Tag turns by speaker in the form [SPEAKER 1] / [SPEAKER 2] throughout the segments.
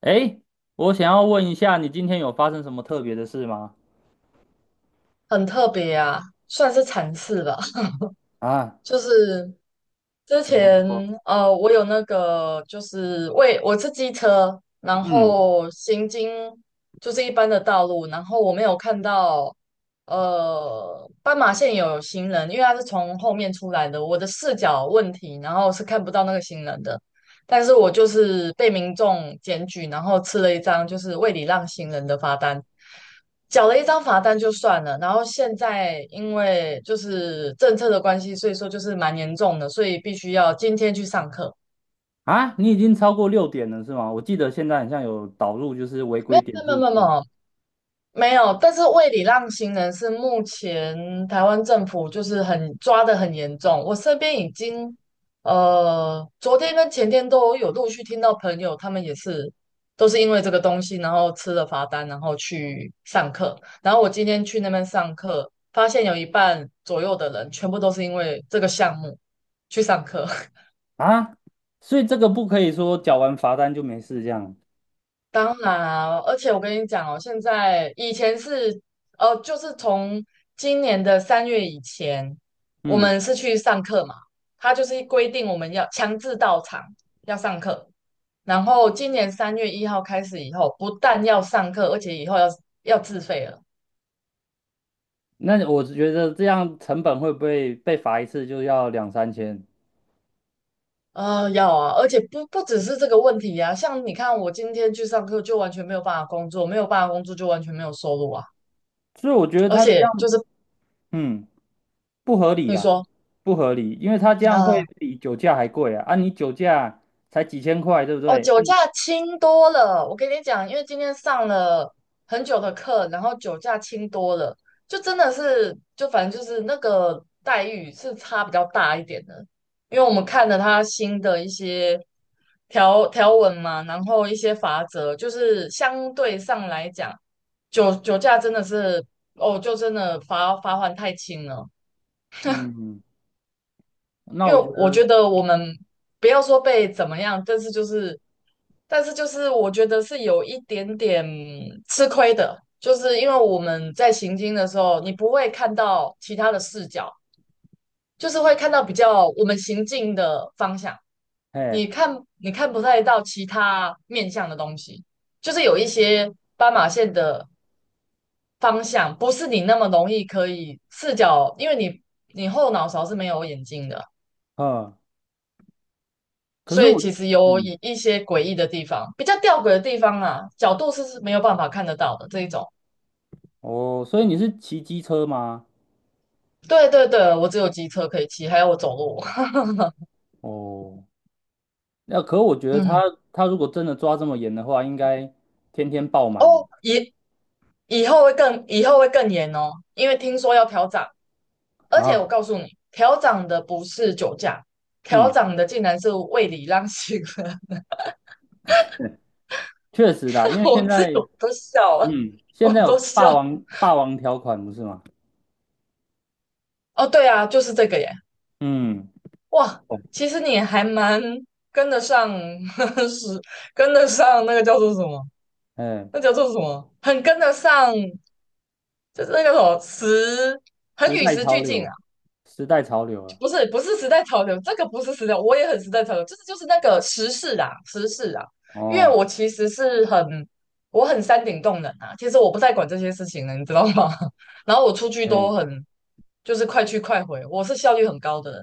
[SPEAKER 1] 哎，我想要问一下，你今天有发生什么特别的事吗？
[SPEAKER 2] 很特别啊，算是惨事吧。
[SPEAKER 1] 啊，
[SPEAKER 2] 就是之
[SPEAKER 1] 怎么
[SPEAKER 2] 前
[SPEAKER 1] 说？
[SPEAKER 2] 我有那个就是为我是机车，然
[SPEAKER 1] 嗯，
[SPEAKER 2] 后行经就是一般的道路，然后我没有看到斑马线有行人，因为他是从后面出来的，我的视角问题，然后是看不到那个行人的。但是我就是被民众检举，然后吃了一张就是未礼让行人的罚单，缴了一张罚单就算了。然后现在因为就是政策的关系，所以说就是蛮严重的，所以必须要今天去上课。
[SPEAKER 1] 啊，你已经超过6点了是吗？我记得现在好像有导入就是违
[SPEAKER 2] 没
[SPEAKER 1] 规
[SPEAKER 2] 有没
[SPEAKER 1] 点
[SPEAKER 2] 有
[SPEAKER 1] 数
[SPEAKER 2] 没有没
[SPEAKER 1] 制
[SPEAKER 2] 有，没有，但是为礼让行人是目前台湾政府就是很抓得很严重。我身边已经，昨天跟前天都有陆续听到朋友，他们也是都是因为这个东西，然后吃了罚单，然后去上课。然后我今天去那边上课，发现有一半左右的人全部都是因为这个项目去上课。
[SPEAKER 1] 啊，所以这个不可以说缴完罚单就没事这样。
[SPEAKER 2] 当然啊，而且我跟你讲哦，现在以前是，就是从今年的三月以前，我
[SPEAKER 1] 嗯，
[SPEAKER 2] 们是去上课嘛，他就是规定我们要强制到场要上课，然后今年3月1号开始以后，不但要上课，而且以后要自费了。
[SPEAKER 1] 那我觉得这样成本会不会被罚一次就要两三千？
[SPEAKER 2] 要啊，而且不只是这个问题啊，像你看，我今天去上课就完全没有办法工作，没有办法工作就完全没有收入啊，
[SPEAKER 1] 所以我觉得
[SPEAKER 2] 而
[SPEAKER 1] 他这
[SPEAKER 2] 且就
[SPEAKER 1] 样，
[SPEAKER 2] 是
[SPEAKER 1] 嗯，不合理
[SPEAKER 2] 你
[SPEAKER 1] 啦，
[SPEAKER 2] 说。
[SPEAKER 1] 不合理，因为他这样会
[SPEAKER 2] 啊，
[SPEAKER 1] 比酒驾还贵啊。啊，你酒驾才几千块，对不
[SPEAKER 2] 哦，
[SPEAKER 1] 对？
[SPEAKER 2] 酒
[SPEAKER 1] 啊，
[SPEAKER 2] 驾轻多了。我跟你讲，因为今天上了很久的课，然后酒驾轻多了，就真的是，就反正就是那个待遇是差比较大一点的。因为我们看了他新的一些条文嘛，然后一些法则，就是相对上来讲，酒驾真的是，哦，就真的罚款太轻了。
[SPEAKER 1] 嗯。那
[SPEAKER 2] 因
[SPEAKER 1] 我
[SPEAKER 2] 为
[SPEAKER 1] 觉
[SPEAKER 2] 我觉
[SPEAKER 1] 得，
[SPEAKER 2] 得我们不要说被怎么样，但是就是我觉得是有一点点吃亏的，就是因为我们在行进的时候，你不会看到其他的视角，就是会看到比较我们行进的方向，
[SPEAKER 1] 哎，
[SPEAKER 2] 你看你看不太到其他面向的东西，就是有一些斑马线的方向，不是你那么容易可以视角，因为你后脑勺是没有眼睛的。
[SPEAKER 1] 嗯，可是
[SPEAKER 2] 所以
[SPEAKER 1] 我，
[SPEAKER 2] 其实有
[SPEAKER 1] 嗯，
[SPEAKER 2] 一些诡异的地方，比较吊诡的地方啊，角度是没有办法看得到的这一种。
[SPEAKER 1] 哦，所以你是骑机车吗？
[SPEAKER 2] 对对对，我只有机车可以骑，还有我走路。
[SPEAKER 1] 哦，那可我觉得他
[SPEAKER 2] 嗯，
[SPEAKER 1] 如果真的抓这么严的话，应该天天爆满吧？
[SPEAKER 2] 哦，以后会更严哦，因为听说要调涨，而且我
[SPEAKER 1] 啊，
[SPEAKER 2] 告诉你，调涨的不是酒驾，调
[SPEAKER 1] 嗯，
[SPEAKER 2] 涨的竟然是胃里让行了，
[SPEAKER 1] 确实啦，因 为
[SPEAKER 2] 我
[SPEAKER 1] 现
[SPEAKER 2] 自
[SPEAKER 1] 在，
[SPEAKER 2] 己我都笑了，
[SPEAKER 1] 嗯，
[SPEAKER 2] 我
[SPEAKER 1] 现在有
[SPEAKER 2] 都
[SPEAKER 1] 霸
[SPEAKER 2] 笑。
[SPEAKER 1] 王霸王条款不是吗？
[SPEAKER 2] 哦，对啊，就是这个耶。
[SPEAKER 1] 嗯，
[SPEAKER 2] 哇，
[SPEAKER 1] 哦，
[SPEAKER 2] 其实你还蛮跟得上，是跟得上那个叫做什么？
[SPEAKER 1] 哎，
[SPEAKER 2] 那叫做什么？很跟得上，就是那个什么时，很
[SPEAKER 1] 时
[SPEAKER 2] 与
[SPEAKER 1] 代
[SPEAKER 2] 时
[SPEAKER 1] 潮
[SPEAKER 2] 俱进啊！
[SPEAKER 1] 流，时代潮流了，
[SPEAKER 2] 不是，不是时代潮流，这个不是时代，我也很时代潮流，就是那个时事啊，时事啊。因为
[SPEAKER 1] 哦，
[SPEAKER 2] 我其实是很，我很山顶洞人啊，其实我不太管这些事情了，你知道吗？然后我出去
[SPEAKER 1] 哎，
[SPEAKER 2] 都很，就是快去快回，我是效率很高的人，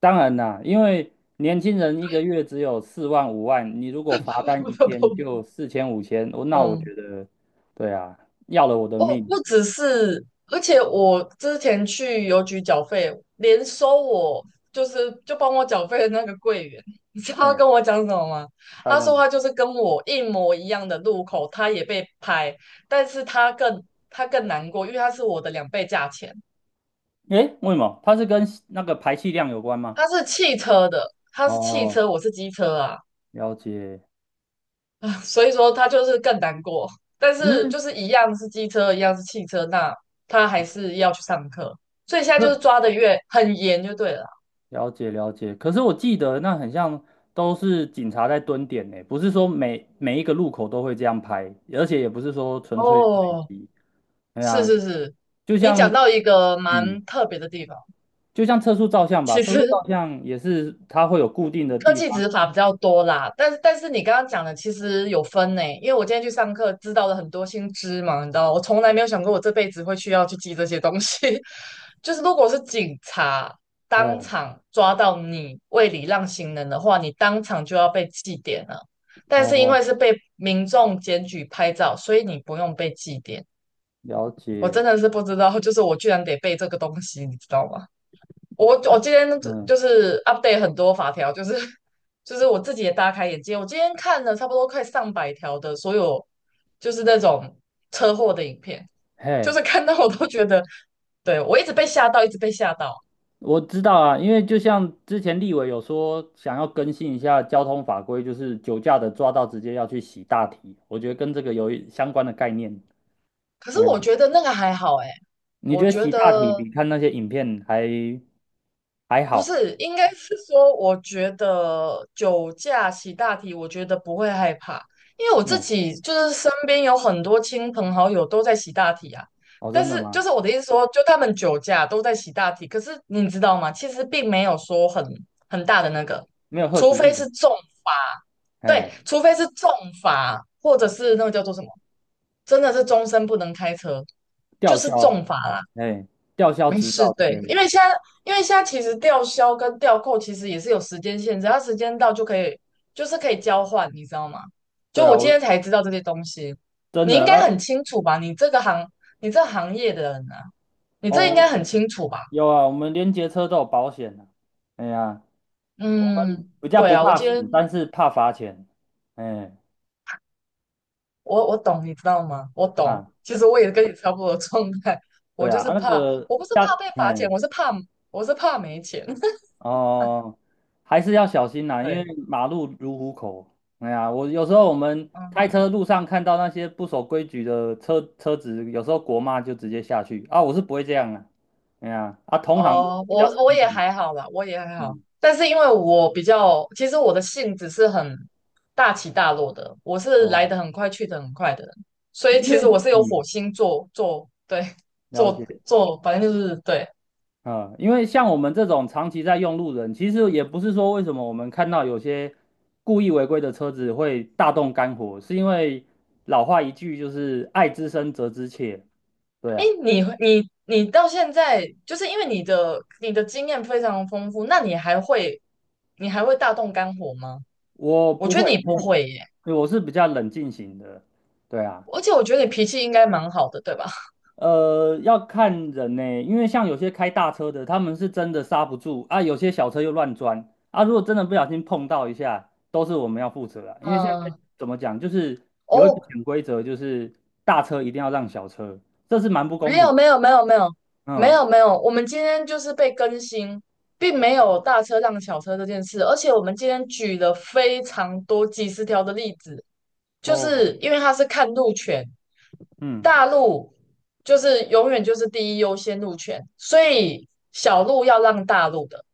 [SPEAKER 1] 当然啦，因为年轻人一个月只有四万五万，你如果罚单一天就四千五千，那我
[SPEAKER 2] 嗯。
[SPEAKER 1] 觉得，对啊，要了我的
[SPEAKER 2] 哦，
[SPEAKER 1] 命。
[SPEAKER 2] 不只是，而且我之前去邮局缴费，连收我就是就帮我缴费的那个柜员，你知道他
[SPEAKER 1] 哎，
[SPEAKER 2] 跟我讲什么吗？
[SPEAKER 1] 他
[SPEAKER 2] 他
[SPEAKER 1] 这
[SPEAKER 2] 说
[SPEAKER 1] 样，
[SPEAKER 2] 他就是跟我一模一样的路口，他也被拍，但是他更难过，因为他是我的2倍价钱，
[SPEAKER 1] 诶，为什么？它是跟那个排气量有关吗？
[SPEAKER 2] 他是汽车的，他是汽
[SPEAKER 1] 哦，
[SPEAKER 2] 车，我是机车啊。
[SPEAKER 1] 了解。
[SPEAKER 2] 所以说他就是更难过。但
[SPEAKER 1] 可
[SPEAKER 2] 是就
[SPEAKER 1] 是，
[SPEAKER 2] 是一样是机车，一样是汽车，那他还是要去上课，所以现在就是抓
[SPEAKER 1] 可
[SPEAKER 2] 的越很严就对了啦。
[SPEAKER 1] 了解了解。可是我记得那很像都是警察在蹲点呢，不是说每一个路口都会这样拍，而且也不是说纯粹随
[SPEAKER 2] 哦，
[SPEAKER 1] 机。对
[SPEAKER 2] 是
[SPEAKER 1] 啊，
[SPEAKER 2] 是是，
[SPEAKER 1] 就
[SPEAKER 2] 你
[SPEAKER 1] 像，
[SPEAKER 2] 讲到一个
[SPEAKER 1] 嗯，
[SPEAKER 2] 蛮特别的地方，
[SPEAKER 1] 就像测速照相吧，
[SPEAKER 2] 其
[SPEAKER 1] 测速
[SPEAKER 2] 实
[SPEAKER 1] 照相也是它会有固定的
[SPEAKER 2] 科
[SPEAKER 1] 地
[SPEAKER 2] 技
[SPEAKER 1] 方。
[SPEAKER 2] 执法比较多啦，但是你刚刚讲的其实有分呢，因为我今天去上课知道了很多新知嘛，你知道，我从来没有想过我这辈子会需要去记这些东西。就是如果是警察当
[SPEAKER 1] 哎，
[SPEAKER 2] 场抓到你未礼让行人的话，你当场就要被记点了。但是因为
[SPEAKER 1] 哦，
[SPEAKER 2] 是被民众检举拍照，所以你不用被记点。
[SPEAKER 1] 了
[SPEAKER 2] 我
[SPEAKER 1] 解。
[SPEAKER 2] 真的是不知道，就是我居然得背这个东西，你知道吗？我我
[SPEAKER 1] 那
[SPEAKER 2] 今天
[SPEAKER 1] 嗯，
[SPEAKER 2] 就是 update 很多法条，就是 就是我自己也大开眼界。我今天看了差不多快上百条的所有，就是那种车祸的影片，就
[SPEAKER 1] 嘿，
[SPEAKER 2] 是看到我都觉得，对，我一直被吓到，一直被吓到。
[SPEAKER 1] 我知道啊，因为就像之前立委有说想要更新一下交通法规，就是酒驾的抓到直接要去洗大体，我觉得跟这个有一相关的概念。
[SPEAKER 2] 可是
[SPEAKER 1] 嗯，
[SPEAKER 2] 我觉得那个还好诶，
[SPEAKER 1] 你
[SPEAKER 2] 我
[SPEAKER 1] 觉得
[SPEAKER 2] 觉
[SPEAKER 1] 洗大体
[SPEAKER 2] 得
[SPEAKER 1] 比看那些影片还
[SPEAKER 2] 不
[SPEAKER 1] 好？
[SPEAKER 2] 是，应该是说，我觉得酒驾洗大题，我觉得不会害怕，因为我自
[SPEAKER 1] 嗯，
[SPEAKER 2] 己就是身边有很多亲朋好友都在洗大题啊。
[SPEAKER 1] 哦，
[SPEAKER 2] 但
[SPEAKER 1] 真的
[SPEAKER 2] 是，
[SPEAKER 1] 吗？
[SPEAKER 2] 就是我的意思说，就他们酒驾都在洗大题，可是你知道吗？其实并没有说很大的那个，
[SPEAKER 1] 没有贺
[SPEAKER 2] 除
[SPEAKER 1] 阻
[SPEAKER 2] 非是
[SPEAKER 1] 力，
[SPEAKER 2] 重罚，对，
[SPEAKER 1] 哎，
[SPEAKER 2] 除非是重罚，或者是那个叫做什么，真的是终身不能开车，就
[SPEAKER 1] 吊
[SPEAKER 2] 是
[SPEAKER 1] 销，
[SPEAKER 2] 重罚啦。
[SPEAKER 1] 哎，吊销
[SPEAKER 2] 没
[SPEAKER 1] 执
[SPEAKER 2] 事，
[SPEAKER 1] 照之
[SPEAKER 2] 对，
[SPEAKER 1] 类
[SPEAKER 2] 因
[SPEAKER 1] 的。
[SPEAKER 2] 为现在，其实吊销跟吊扣其实也是有时间限制，它时间到就可以，就是可以交换，你知道吗？
[SPEAKER 1] 对
[SPEAKER 2] 就
[SPEAKER 1] 啊，
[SPEAKER 2] 我今天
[SPEAKER 1] 我
[SPEAKER 2] 才知道这些东西，
[SPEAKER 1] 真
[SPEAKER 2] 你应
[SPEAKER 1] 的
[SPEAKER 2] 该
[SPEAKER 1] 啊，
[SPEAKER 2] 很清楚吧？你这行业的人啊，你这应该
[SPEAKER 1] 哦，
[SPEAKER 2] 很清楚吧？
[SPEAKER 1] 有啊，我们连结车都有保险的。哎呀，
[SPEAKER 2] 嗯，
[SPEAKER 1] 回家
[SPEAKER 2] 对
[SPEAKER 1] 不
[SPEAKER 2] 啊，我
[SPEAKER 1] 怕
[SPEAKER 2] 今
[SPEAKER 1] 死，
[SPEAKER 2] 天
[SPEAKER 1] 但是怕罚钱。哎
[SPEAKER 2] 我懂，你知道吗？我懂，
[SPEAKER 1] 啊，
[SPEAKER 2] 其实我也跟你差不多的状态，我
[SPEAKER 1] 对
[SPEAKER 2] 就
[SPEAKER 1] 啊，
[SPEAKER 2] 是
[SPEAKER 1] 啊那
[SPEAKER 2] 怕，
[SPEAKER 1] 个
[SPEAKER 2] 我不是
[SPEAKER 1] 要，
[SPEAKER 2] 怕被罚钱，
[SPEAKER 1] 哎
[SPEAKER 2] 我是怕没钱，
[SPEAKER 1] 哦，还是要小心 呐，因为
[SPEAKER 2] 对，
[SPEAKER 1] 马路如虎口。哎呀，我有时候我们开车
[SPEAKER 2] 嗯。
[SPEAKER 1] 路上看到那些不守规矩的车子，有时候国骂就直接下去啊，我是不会这样啊。哎呀，啊，同行的
[SPEAKER 2] 哦，
[SPEAKER 1] 比
[SPEAKER 2] 我
[SPEAKER 1] 较
[SPEAKER 2] 我
[SPEAKER 1] 冲
[SPEAKER 2] 也
[SPEAKER 1] 动。
[SPEAKER 2] 还好啦，我也还好。
[SPEAKER 1] 嗯，
[SPEAKER 2] 但是因为我比较，其实我的性子是很大起大落的，我是来
[SPEAKER 1] 哦，
[SPEAKER 2] 得很快，去得很快的人，所以
[SPEAKER 1] 因
[SPEAKER 2] 其
[SPEAKER 1] 为
[SPEAKER 2] 实我是有火
[SPEAKER 1] 嗯，
[SPEAKER 2] 星做做对
[SPEAKER 1] 了
[SPEAKER 2] 做
[SPEAKER 1] 解。
[SPEAKER 2] 做，反正就是对。
[SPEAKER 1] 嗯，因为像我们这种长期在用路人，其实也不是说为什么我们看到有些故意违规的车子会大动肝火，是因为老话一句就是"爱之深，责之切"。对
[SPEAKER 2] 哎，
[SPEAKER 1] 啊，
[SPEAKER 2] 你到现在，就是因为你的经验非常丰富，那你还会大动肝火吗？
[SPEAKER 1] 我
[SPEAKER 2] 我
[SPEAKER 1] 不
[SPEAKER 2] 觉得
[SPEAKER 1] 会，
[SPEAKER 2] 你
[SPEAKER 1] 因
[SPEAKER 2] 不会耶，
[SPEAKER 1] 为我是比较冷静型的。对啊。
[SPEAKER 2] 而且我觉得你脾气应该蛮好的，对吧？
[SPEAKER 1] 要看人呢、因为像有些开大车的，他们是真的刹不住啊，有些小车又乱钻啊。如果真的不小心碰到一下，都是我们要负责啊。因为现在
[SPEAKER 2] 嗯，
[SPEAKER 1] 怎么讲，就是有一个
[SPEAKER 2] 哦，
[SPEAKER 1] 潜规则，就是大车一定要让小车，这是蛮不公
[SPEAKER 2] 没
[SPEAKER 1] 平。
[SPEAKER 2] 有没有没有没有没
[SPEAKER 1] 嗯，
[SPEAKER 2] 有没有，我们今天就是被更新，并没有大车让小车这件事，而且我们今天举了非常多几十条的例子，就
[SPEAKER 1] 哦，
[SPEAKER 2] 是因为它是看路权，
[SPEAKER 1] 嗯
[SPEAKER 2] 大陆就是永远就是第一优先路权，所以小路要让大路的，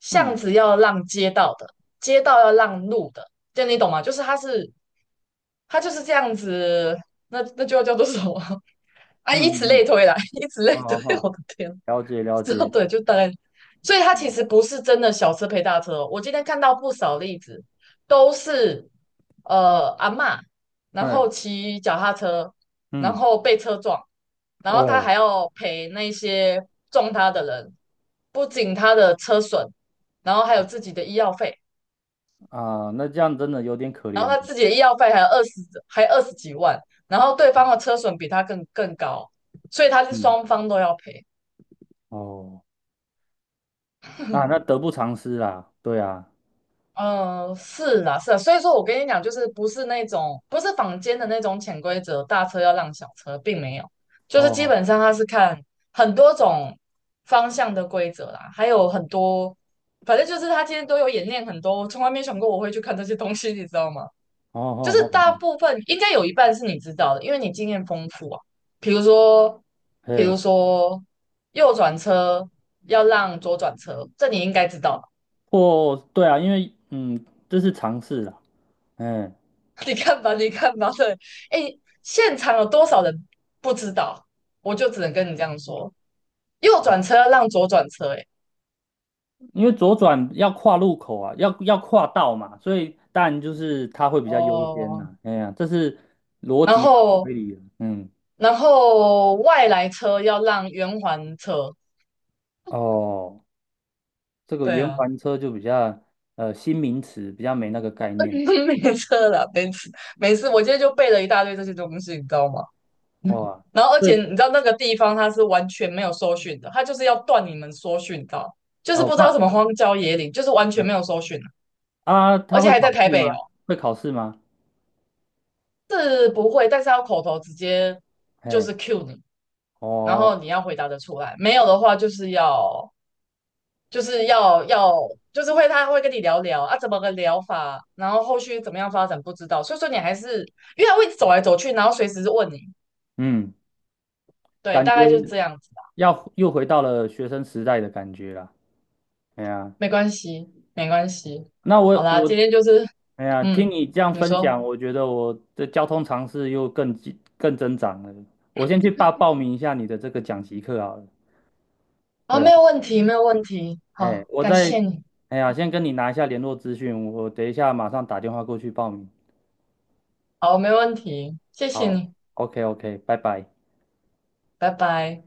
[SPEAKER 2] 巷
[SPEAKER 1] 嗯
[SPEAKER 2] 子要让街道的，街道要让路的，这样你懂吗？就是它就是这样子，那就要叫做什么 啊？
[SPEAKER 1] 嗯
[SPEAKER 2] 以此
[SPEAKER 1] 嗯
[SPEAKER 2] 类
[SPEAKER 1] 嗯，
[SPEAKER 2] 推啦，以此类
[SPEAKER 1] 好
[SPEAKER 2] 推，
[SPEAKER 1] 好好，
[SPEAKER 2] 我的天，
[SPEAKER 1] 了解了
[SPEAKER 2] 之后
[SPEAKER 1] 解，
[SPEAKER 2] 对，就大概，所以他其
[SPEAKER 1] 嗯，
[SPEAKER 2] 实不是真的小车赔大车哦我今天看到不少例子，都是阿嬷，然
[SPEAKER 1] 哎，
[SPEAKER 2] 后骑脚踏车，然
[SPEAKER 1] 嗯，
[SPEAKER 2] 后被车撞，然后他还
[SPEAKER 1] 哦
[SPEAKER 2] 要赔那些撞他的人，不仅他的车损，然后还有自己的医药费，
[SPEAKER 1] 啊，那这样真的有点可
[SPEAKER 2] 然
[SPEAKER 1] 怜
[SPEAKER 2] 后
[SPEAKER 1] 了。
[SPEAKER 2] 他自己的医药费还有20几万，然后对
[SPEAKER 1] 嗯，
[SPEAKER 2] 方的车损比他更高，所以他是
[SPEAKER 1] 嗯
[SPEAKER 2] 双方都要赔。
[SPEAKER 1] 哦，那 得不偿失啦，对啊。
[SPEAKER 2] 嗯，是啦，是啦，所以说我跟你讲，就是不是坊间的那种潜规则，大车要让小车，并没有，就是基
[SPEAKER 1] 哦。
[SPEAKER 2] 本上他是看很多种方向的规则啦，还有很多，反正就是他今天都有演练很多，我从来没想过我会去看这些东西，你知道吗？
[SPEAKER 1] 哦
[SPEAKER 2] 就
[SPEAKER 1] 哦
[SPEAKER 2] 是大
[SPEAKER 1] 哦，
[SPEAKER 2] 部分应该有一半是你知道的，因为你经验丰富啊，比如说，比
[SPEAKER 1] 嘿，
[SPEAKER 2] 如说右转车要让左转车，这你应该知道吧。
[SPEAKER 1] 或对啊，因为这是尝试啦，嗯，
[SPEAKER 2] 你看吧，你看吧，对，哎，现场有多少人不知道？我就只能跟你这样说，右转车要让左转车、欸哎，
[SPEAKER 1] 因为左转要跨路口啊，要跨道嘛，所以当然就是它会比较优先
[SPEAKER 2] 哦，
[SPEAKER 1] 呐，哎呀，这是逻
[SPEAKER 2] 然
[SPEAKER 1] 辑上
[SPEAKER 2] 后
[SPEAKER 1] 推理的，嗯，
[SPEAKER 2] 外来车要让圆环车，
[SPEAKER 1] 哦，这个
[SPEAKER 2] 对
[SPEAKER 1] 圆
[SPEAKER 2] 啊，
[SPEAKER 1] 环车就比较新名词，比较没那个概念，
[SPEAKER 2] 没车了，没事没事，我今天就背了一大堆这些东西，你知道吗？
[SPEAKER 1] 哇，
[SPEAKER 2] 然后而
[SPEAKER 1] 所
[SPEAKER 2] 且
[SPEAKER 1] 以
[SPEAKER 2] 你知道那个地方它是完全没有搜寻的，它就是要断你们搜寻道？就是
[SPEAKER 1] 哦
[SPEAKER 2] 不知道什
[SPEAKER 1] 怕
[SPEAKER 2] 么荒郊野岭，就是完全没有搜寻啊、
[SPEAKER 1] 啊，
[SPEAKER 2] 而
[SPEAKER 1] 他
[SPEAKER 2] 且
[SPEAKER 1] 会
[SPEAKER 2] 还
[SPEAKER 1] 考
[SPEAKER 2] 在台
[SPEAKER 1] 试
[SPEAKER 2] 北哦。
[SPEAKER 1] 吗？会考试吗？
[SPEAKER 2] 是不会，但是要口头直接就
[SPEAKER 1] 哎，
[SPEAKER 2] 是 cue 你，然
[SPEAKER 1] 哦，
[SPEAKER 2] 后你要回答的出来，没有的话就是要就是要要就是会他会跟你聊聊啊，怎么个聊法，然后后续怎么样发展不知道，所以说你还是因为他会一直走来走去，然后随时问你，
[SPEAKER 1] 嗯，
[SPEAKER 2] 对，
[SPEAKER 1] 感
[SPEAKER 2] 大
[SPEAKER 1] 觉
[SPEAKER 2] 概就是这样子吧，
[SPEAKER 1] 要又回到了学生时代的感觉啦。哎呀，
[SPEAKER 2] 没关系，没关系，
[SPEAKER 1] 那
[SPEAKER 2] 好
[SPEAKER 1] 我
[SPEAKER 2] 啦，今天就是
[SPEAKER 1] 哎呀，听
[SPEAKER 2] 嗯，
[SPEAKER 1] 你这样
[SPEAKER 2] 你
[SPEAKER 1] 分
[SPEAKER 2] 说
[SPEAKER 1] 享，我觉得我的交通常识又更增长了。我先去报名一下你的这个讲习课好了。
[SPEAKER 2] 啊，
[SPEAKER 1] 对啊，
[SPEAKER 2] 没有问题，没有问题，
[SPEAKER 1] 哎，
[SPEAKER 2] 好，感谢你，
[SPEAKER 1] 哎呀，先跟你拿一下联络资讯，我等一下马上打电话过去报名。
[SPEAKER 2] 好，没问题，谢谢
[SPEAKER 1] 好
[SPEAKER 2] 你，
[SPEAKER 1] ，OK OK，拜拜。
[SPEAKER 2] 拜拜。